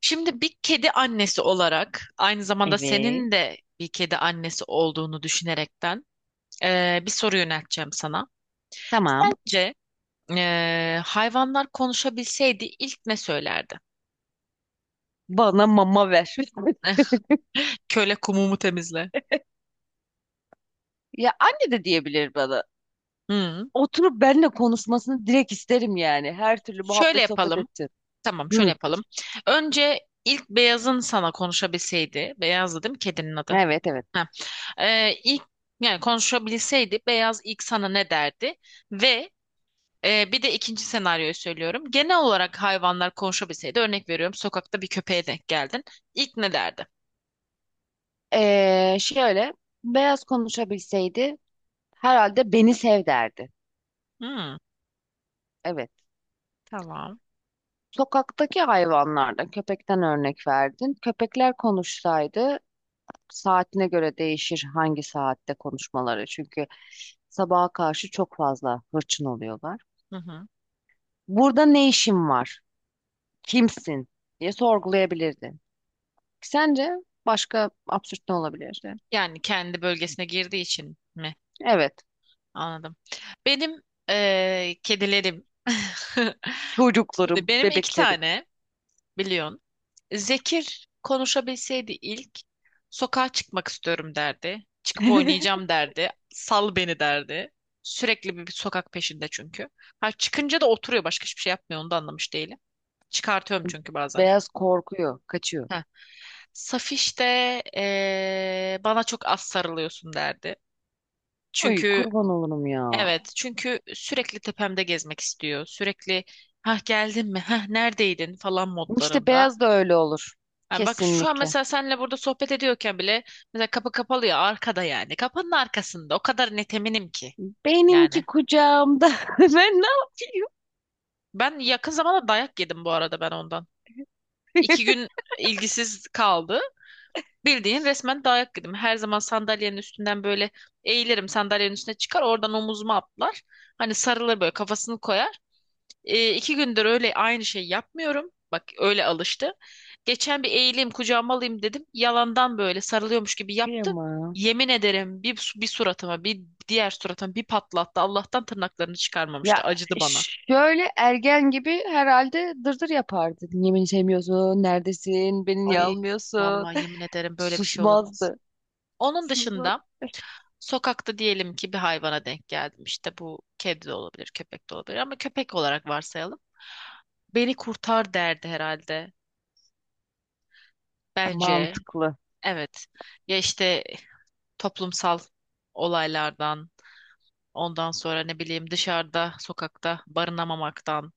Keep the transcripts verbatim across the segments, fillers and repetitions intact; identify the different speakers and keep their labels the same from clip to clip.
Speaker 1: Şimdi bir kedi annesi olarak aynı zamanda
Speaker 2: Evet.
Speaker 1: senin de bir kedi annesi olduğunu düşünerekten eee, bir soru yönelteceğim sana.
Speaker 2: Tamam.
Speaker 1: Sence eee, hayvanlar konuşabilseydi ilk ne söylerdi?
Speaker 2: Bana mama ver.
Speaker 1: Eh, Köle kumumu temizle.
Speaker 2: Ya anne de diyebilir bana.
Speaker 1: Hmm.
Speaker 2: Oturup benimle konuşmasını direkt isterim yani. Her türlü
Speaker 1: Şöyle
Speaker 2: muhabbet sohbet
Speaker 1: yapalım.
Speaker 2: edeceğiz.
Speaker 1: Tamam, şöyle
Speaker 2: Hı,
Speaker 1: yapalım. Önce ilk beyazın sana konuşabilseydi, beyazdı değil kedinin adı?
Speaker 2: evet evet.
Speaker 1: Ha. Ee, ilk yani konuşabilseydi beyaz ilk sana ne derdi? Ve Ee, bir de ikinci senaryoyu söylüyorum. Genel olarak hayvanlar konuşabilseydi, örnek veriyorum, sokakta bir köpeğe denk geldin. İlk ne derdi?
Speaker 2: Ee, şöyle beyaz konuşabilseydi herhalde beni sev derdi.
Speaker 1: Hmm,
Speaker 2: Evet.
Speaker 1: tamam.
Speaker 2: Sokaktaki hayvanlardan köpekten örnek verdin. Köpekler konuşsaydı saatine göre değişir hangi saatte konuşmaları. Çünkü sabaha karşı çok fazla hırçın oluyorlar.
Speaker 1: Hı hı.
Speaker 2: Burada ne işim var? Kimsin diye sorgulayabilirdin. Sence başka absürt ne olabilirdi?
Speaker 1: Yani kendi bölgesine girdiği için mi?
Speaker 2: Evet,
Speaker 1: Anladım. Benim ee, kedilerim. Şimdi
Speaker 2: çocuklarım,
Speaker 1: benim iki
Speaker 2: bebeklerim.
Speaker 1: tane biliyorsun. Zekir konuşabilseydi ilk sokağa çıkmak istiyorum derdi. Çıkıp oynayacağım derdi. Sal beni derdi. Sürekli bir, bir sokak peşinde çünkü. Ha, çıkınca da oturuyor başka hiçbir şey yapmıyor onu da anlamış değilim. Çıkartıyorum çünkü bazen.
Speaker 2: Beyaz korkuyor, kaçıyor.
Speaker 1: Ha, Safiş de eee, bana çok az sarılıyorsun derdi.
Speaker 2: Ay
Speaker 1: Çünkü
Speaker 2: kurban olurum ya.
Speaker 1: evet çünkü sürekli tepemde gezmek istiyor. Sürekli ha geldin mi ha neredeydin falan
Speaker 2: İşte
Speaker 1: modlarında.
Speaker 2: beyaz da öyle olur.
Speaker 1: Yani bak şu an
Speaker 2: Kesinlikle.
Speaker 1: mesela seninle burada sohbet ediyorken bile mesela kapı kapalı ya arkada yani. Kapının arkasında. O kadar net eminim ki.
Speaker 2: Benimki
Speaker 1: Yani
Speaker 2: kucağımda. Ben ne yapayım?
Speaker 1: ben yakın zamanda dayak yedim bu arada ben ondan. İki gün ilgisiz kaldı. Bildiğin resmen dayak yedim. Her zaman sandalyenin üstünden böyle eğilirim. Sandalyenin üstüne çıkar. Oradan omuzuma atlar. Hani sarılır böyle kafasını koyar. E, iki gündür öyle aynı şey yapmıyorum. Bak öyle alıştı. Geçen bir eğileyim kucağıma alayım dedim. Yalandan böyle sarılıyormuş gibi yaptı.
Speaker 2: Kıyamam.
Speaker 1: Yemin ederim bir, su- bir suratıma bir diğer suratıma bir patlattı. Allah'tan tırnaklarını
Speaker 2: Ya
Speaker 1: çıkarmamıştı. Acıdı bana.
Speaker 2: şöyle ergen gibi herhalde dırdır yapardı. Yemin sevmiyorsun, neredesin, beni niye
Speaker 1: Ay
Speaker 2: almıyorsun?
Speaker 1: vallahi yemin ederim böyle bir şey olamaz.
Speaker 2: Susmazdı.
Speaker 1: Onun
Speaker 2: Susmaz.
Speaker 1: dışında sokakta diyelim ki bir hayvana denk geldim. İşte bu kedi de olabilir, köpek de olabilir ama köpek olarak varsayalım. Beni kurtar derdi herhalde. Bence
Speaker 2: Mantıklı.
Speaker 1: evet. Ya işte toplumsal olaylardan, ondan sonra ne bileyim dışarıda, sokakta barınamamaktan.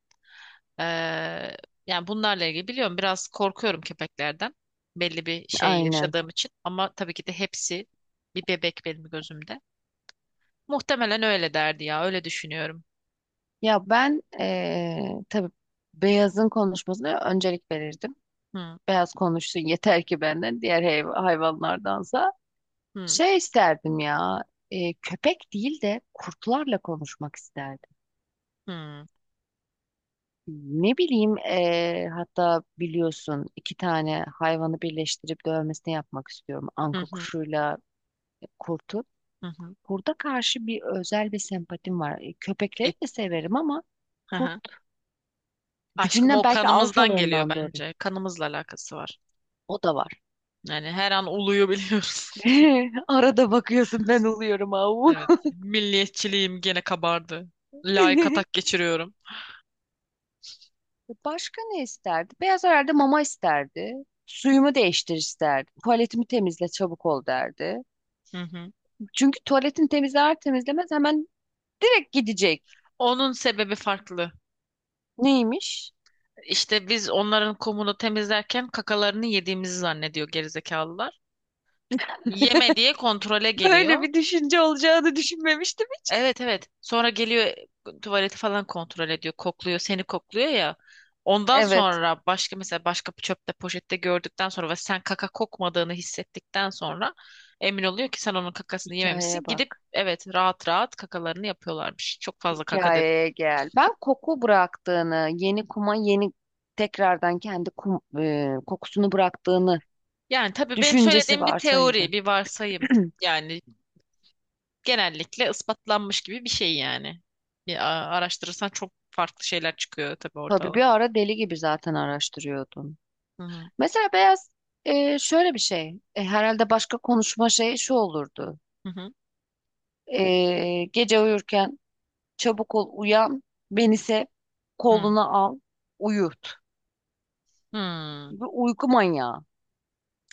Speaker 1: eee, Yani bunlarla ilgili biliyorum biraz korkuyorum köpeklerden. Belli bir şey
Speaker 2: Aynen.
Speaker 1: yaşadığım için ama tabii ki de hepsi bir bebek benim gözümde. Muhtemelen öyle derdi ya, öyle düşünüyorum.
Speaker 2: Ya ben eee tabii beyazın konuşmasına öncelik verirdim.
Speaker 1: Hı
Speaker 2: Beyaz konuşsun yeter ki benden diğer hayv- hayvanlardansa.
Speaker 1: hı
Speaker 2: Şey isterdim ya, eee, köpek değil de kurtlarla konuşmak isterdim.
Speaker 1: hı
Speaker 2: Ne bileyim, eee, hatta biliyorsun iki tane hayvanı birleştirip dövmesini yapmak istiyorum.
Speaker 1: hı
Speaker 2: Anka
Speaker 1: hı hı.
Speaker 2: kuşuyla kurtu.
Speaker 1: Hı.
Speaker 2: Kurda karşı bir özel bir sempatim var. E, Köpekleri
Speaker 1: E,
Speaker 2: de severim ama
Speaker 1: hı
Speaker 2: kurt
Speaker 1: hı. Aşkım
Speaker 2: gücünden
Speaker 1: o
Speaker 2: belki
Speaker 1: kanımızdan geliyor
Speaker 2: alfalığından doğru.
Speaker 1: bence. Kanımızla alakası var.
Speaker 2: O da var.
Speaker 1: Yani her an uluyu biliyoruz.
Speaker 2: Arada bakıyorsun ben oluyorum avu.
Speaker 1: Evet. Milliyetçiliğim gene kabardı. Layık atak geçiriyorum.
Speaker 2: Başka ne isterdi? Beyaz herhalde mama isterdi. Suyumu değiştir isterdi. Tuvaletimi temizle çabuk ol derdi.
Speaker 1: Hı hı.
Speaker 2: Çünkü tuvaletini temizler temizlemez hemen direkt gidecek.
Speaker 1: Onun sebebi farklı.
Speaker 2: Neymiş?
Speaker 1: İşte biz onların kumunu temizlerken kakalarını yediğimizi zannediyor gerizekalılar. Yeme diye kontrole
Speaker 2: Böyle
Speaker 1: geliyor.
Speaker 2: bir düşünce olacağını düşünmemiştim hiç.
Speaker 1: Evet evet. Sonra geliyor e, tuvaleti falan kontrol ediyor. Kokluyor, seni kokluyor ya. Ondan
Speaker 2: Evet,
Speaker 1: sonra başka mesela başka bir çöpte poşette gördükten sonra ve sen kaka kokmadığını hissettikten sonra emin oluyor ki sen onun kakasını
Speaker 2: hikayeye
Speaker 1: yememişsin. Gidip
Speaker 2: bak.
Speaker 1: evet rahat rahat kakalarını yapıyorlarmış. Çok fazla kaka dedim.
Speaker 2: Hikayeye gel. Ben koku bıraktığını, yeni kuma yeni tekrardan kendi kum, e, kokusunu bıraktığını
Speaker 1: Yani tabii benim
Speaker 2: düşüncesi
Speaker 1: söylediğim bir teori,
Speaker 2: varsaydı.
Speaker 1: bir varsayım. Yani genellikle ispatlanmış gibi bir şey yani. Bir a- araştırırsan çok farklı şeyler çıkıyor tabii
Speaker 2: Tabii bir
Speaker 1: ortala.
Speaker 2: ara deli gibi zaten araştırıyordun.
Speaker 1: Hı hı.
Speaker 2: Mesela beyaz, e, şöyle bir şey. E, herhalde başka konuşma şeyi şu olurdu.
Speaker 1: Hı hı.
Speaker 2: E, gece uyurken çabuk ol uyan. Beni sev.
Speaker 1: Hı.
Speaker 2: Koluna al. Uyut.
Speaker 1: Hı. Hmm.
Speaker 2: Bir uyku manyağı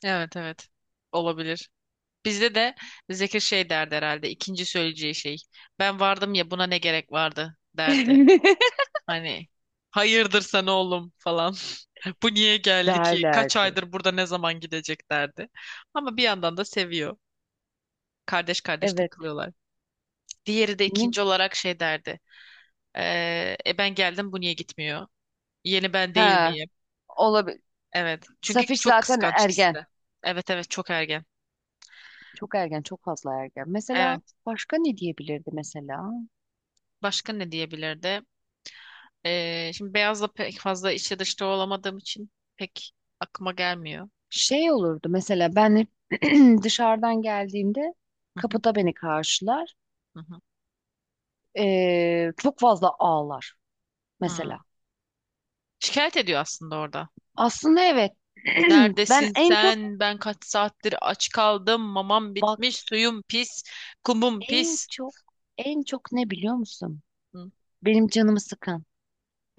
Speaker 1: Evet evet. Olabilir. Bizde de Zekir şey derdi herhalde. İkinci söyleyeceği şey. Ben vardım ya buna ne gerek vardı derdi. Hani hayırdır sen oğlum falan. Bu niye geldi ki? Kaç
Speaker 2: derlerdi.
Speaker 1: aydır burada ne zaman gidecek derdi. Ama bir yandan da seviyor. Kardeş kardeş
Speaker 2: Evet.
Speaker 1: takılıyorlar. Diğeri de
Speaker 2: Ne-
Speaker 1: ikinci olarak şey derdi. "Ee, e ben geldim bu niye gitmiyor? Yeni ben değil
Speaker 2: Ha,
Speaker 1: miyim?
Speaker 2: olabilir.
Speaker 1: Evet. Çünkü
Speaker 2: Safiş
Speaker 1: çok
Speaker 2: zaten
Speaker 1: kıskanç ikisi
Speaker 2: ergen.
Speaker 1: de. Evet evet çok ergen.
Speaker 2: Çok ergen. Çok fazla ergen. Mesela
Speaker 1: Evet.
Speaker 2: başka ne diyebilirdi mesela?
Speaker 1: Başka ne diyebilirdi? Ee, şimdi beyazla pek fazla içi dışta olamadığım için pek aklıma gelmiyor.
Speaker 2: Şey olurdu, mesela ben hep dışarıdan geldiğimde
Speaker 1: Hı hı,
Speaker 2: kapıda beni karşılar.
Speaker 1: hı hı,
Speaker 2: Ee, çok fazla ağlar mesela.
Speaker 1: hı. Şikayet ediyor aslında orada.
Speaker 2: Aslında evet. Ben
Speaker 1: Neredesin
Speaker 2: en çok,
Speaker 1: sen? Ben kaç saattir aç kaldım. Mamam
Speaker 2: bak,
Speaker 1: bitmiş. Suyum pis. Kumum
Speaker 2: en
Speaker 1: pis.
Speaker 2: çok, en çok ne biliyor musun?
Speaker 1: Hı
Speaker 2: Benim canımı sıkan.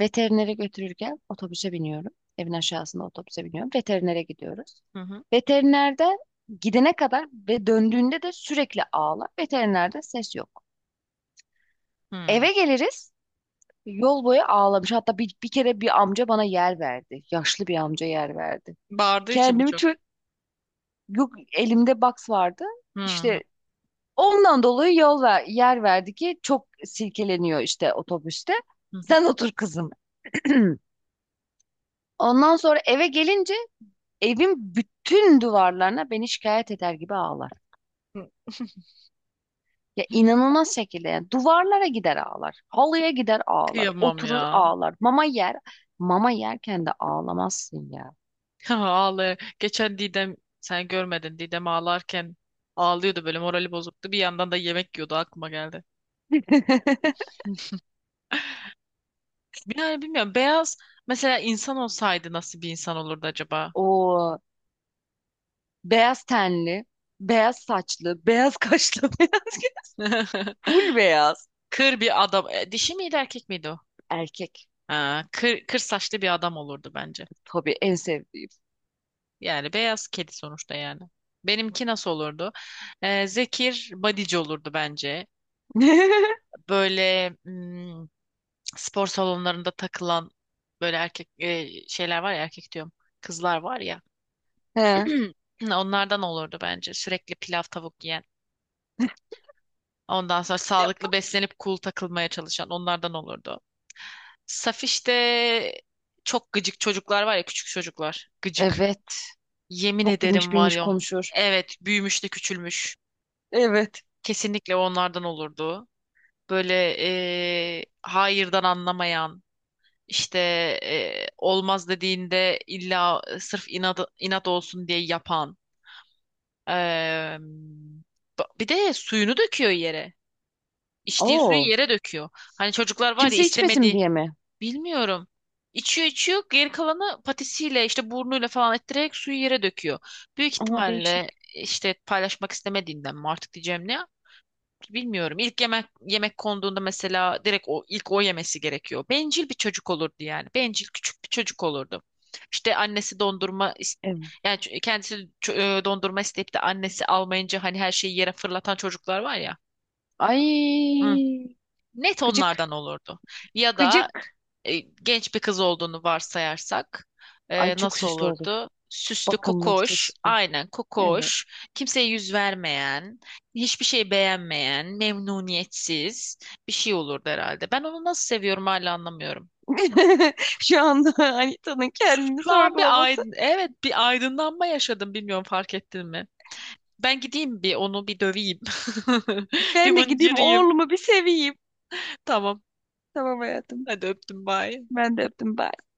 Speaker 2: Veterinere götürürken otobüse biniyorum. Evin aşağısında otobüse biniyorum. Veterinere gidiyoruz.
Speaker 1: hı, hı,
Speaker 2: Veterinerde gidene kadar ve döndüğünde de sürekli ağlar. Veterinerde ses yok.
Speaker 1: hı.
Speaker 2: Eve geliriz. Yol boyu ağlamış. Hatta bir, bir kere bir amca bana yer verdi. Yaşlı bir amca yer verdi.
Speaker 1: Bağırdığı için
Speaker 2: Kendimi
Speaker 1: birçok.
Speaker 2: çok, yok elimde box vardı.
Speaker 1: Hı hı,
Speaker 2: İşte ondan dolayı yol ver, yer verdi ki çok silkeleniyor işte otobüste.
Speaker 1: hı hı,
Speaker 2: Sen otur kızım. Ondan sonra eve gelince evin bütün duvarlarına beni şikayet eder gibi ağlar. Ya
Speaker 1: hı.
Speaker 2: inanılmaz şekilde yani duvarlara gider ağlar. Halıya gider ağlar.
Speaker 1: Kıyamam
Speaker 2: Oturur
Speaker 1: ya.
Speaker 2: ağlar. Mama yer. Mama yerken de ağlamazsın ya.
Speaker 1: Ağlaya. Geçen Didem sen görmedin. Didem ağlarken ağlıyordu böyle morali bozuktu. Bir yandan da yemek yiyordu aklıma geldi. Yani bilmiyorum. Beyaz mesela insan olsaydı nasıl bir insan olurdu acaba?
Speaker 2: O beyaz tenli, beyaz saçlı, beyaz kaşlı, beyaz göz-, full beyaz
Speaker 1: Kır bir adam. E, dişi miydi erkek miydi o?
Speaker 2: erkek.
Speaker 1: Ha, kır, kır saçlı bir adam olurdu bence.
Speaker 2: Tabii en sevdiğim.
Speaker 1: Yani beyaz kedi sonuçta yani. Benimki nasıl olurdu? Ee, Zekir bodyci olurdu bence. Böyle hmm, spor salonlarında takılan böyle erkek e, şeyler var ya erkek diyorum. Kızlar var ya.
Speaker 2: He. Yap.
Speaker 1: Onlardan olurdu bence. Sürekli pilav tavuk yiyen. Ondan sonra sağlıklı beslenip cool takılmaya çalışan onlardan olurdu. Safiş'te çok gıcık çocuklar var ya küçük çocuklar. Gıcık.
Speaker 2: Evet.
Speaker 1: Yemin
Speaker 2: Çok bilmiş
Speaker 1: ederim var
Speaker 2: bilmiş
Speaker 1: ya.
Speaker 2: konuşur.
Speaker 1: Evet büyümüş de küçülmüş.
Speaker 2: Evet.
Speaker 1: Kesinlikle onlardan olurdu. Böyle eee, hayırdan anlamayan işte eee, olmaz dediğinde illa sırf inat, inat olsun diye yapan. Eee, ba- Bir de suyunu döküyor yere. İçtiği suyu
Speaker 2: Oo.
Speaker 1: yere döküyor. Hani çocuklar var ya
Speaker 2: Kimse içmesin
Speaker 1: istemedi.
Speaker 2: diye mi?
Speaker 1: Bilmiyorum. İçiyor içiyor geri kalanı patisiyle işte burnuyla falan ettirerek suyu yere döküyor. Büyük
Speaker 2: Ama değişik.
Speaker 1: ihtimalle işte paylaşmak istemediğinden mi artık diyeceğim ne bilmiyorum. İlk yemek yemek konduğunda mesela direkt o ilk o yemesi gerekiyor. Bencil bir çocuk olurdu yani. Bencil küçük bir çocuk olurdu. İşte annesi dondurma is-
Speaker 2: Evet.
Speaker 1: yani ç- kendisi ç- e, dondurma isteyip de annesi almayınca hani her şeyi yere fırlatan çocuklar var ya. Hı.
Speaker 2: Ay.
Speaker 1: Net
Speaker 2: Gıcık.
Speaker 1: onlardan olurdu. Ya da
Speaker 2: Gıcık.
Speaker 1: e, genç bir kız olduğunu varsayarsak
Speaker 2: Ay
Speaker 1: e,
Speaker 2: çok
Speaker 1: nasıl
Speaker 2: süslü olur.
Speaker 1: olurdu? Süslü,
Speaker 2: Bakımlı,
Speaker 1: kokoş,
Speaker 2: süslü.
Speaker 1: aynen
Speaker 2: Evet.
Speaker 1: kokoş, kimseye yüz vermeyen, hiçbir şey beğenmeyen, memnuniyetsiz bir şey olurdu herhalde. Ben onu nasıl seviyorum hala anlamıyorum.
Speaker 2: Şu anda Anita'nın kendini
Speaker 1: Şu an bir
Speaker 2: sorgulaması.
Speaker 1: aydın, evet bir aydınlanma yaşadım bilmiyorum fark ettin mi? Ben gideyim bir onu bir döveyim. Bir
Speaker 2: Ben de gideyim
Speaker 1: mıncırayım.
Speaker 2: oğlumu bir seveyim.
Speaker 1: Tamam.
Speaker 2: Tamam hayatım.
Speaker 1: Hadi öptüm bye.
Speaker 2: Ben de öptüm. Bye.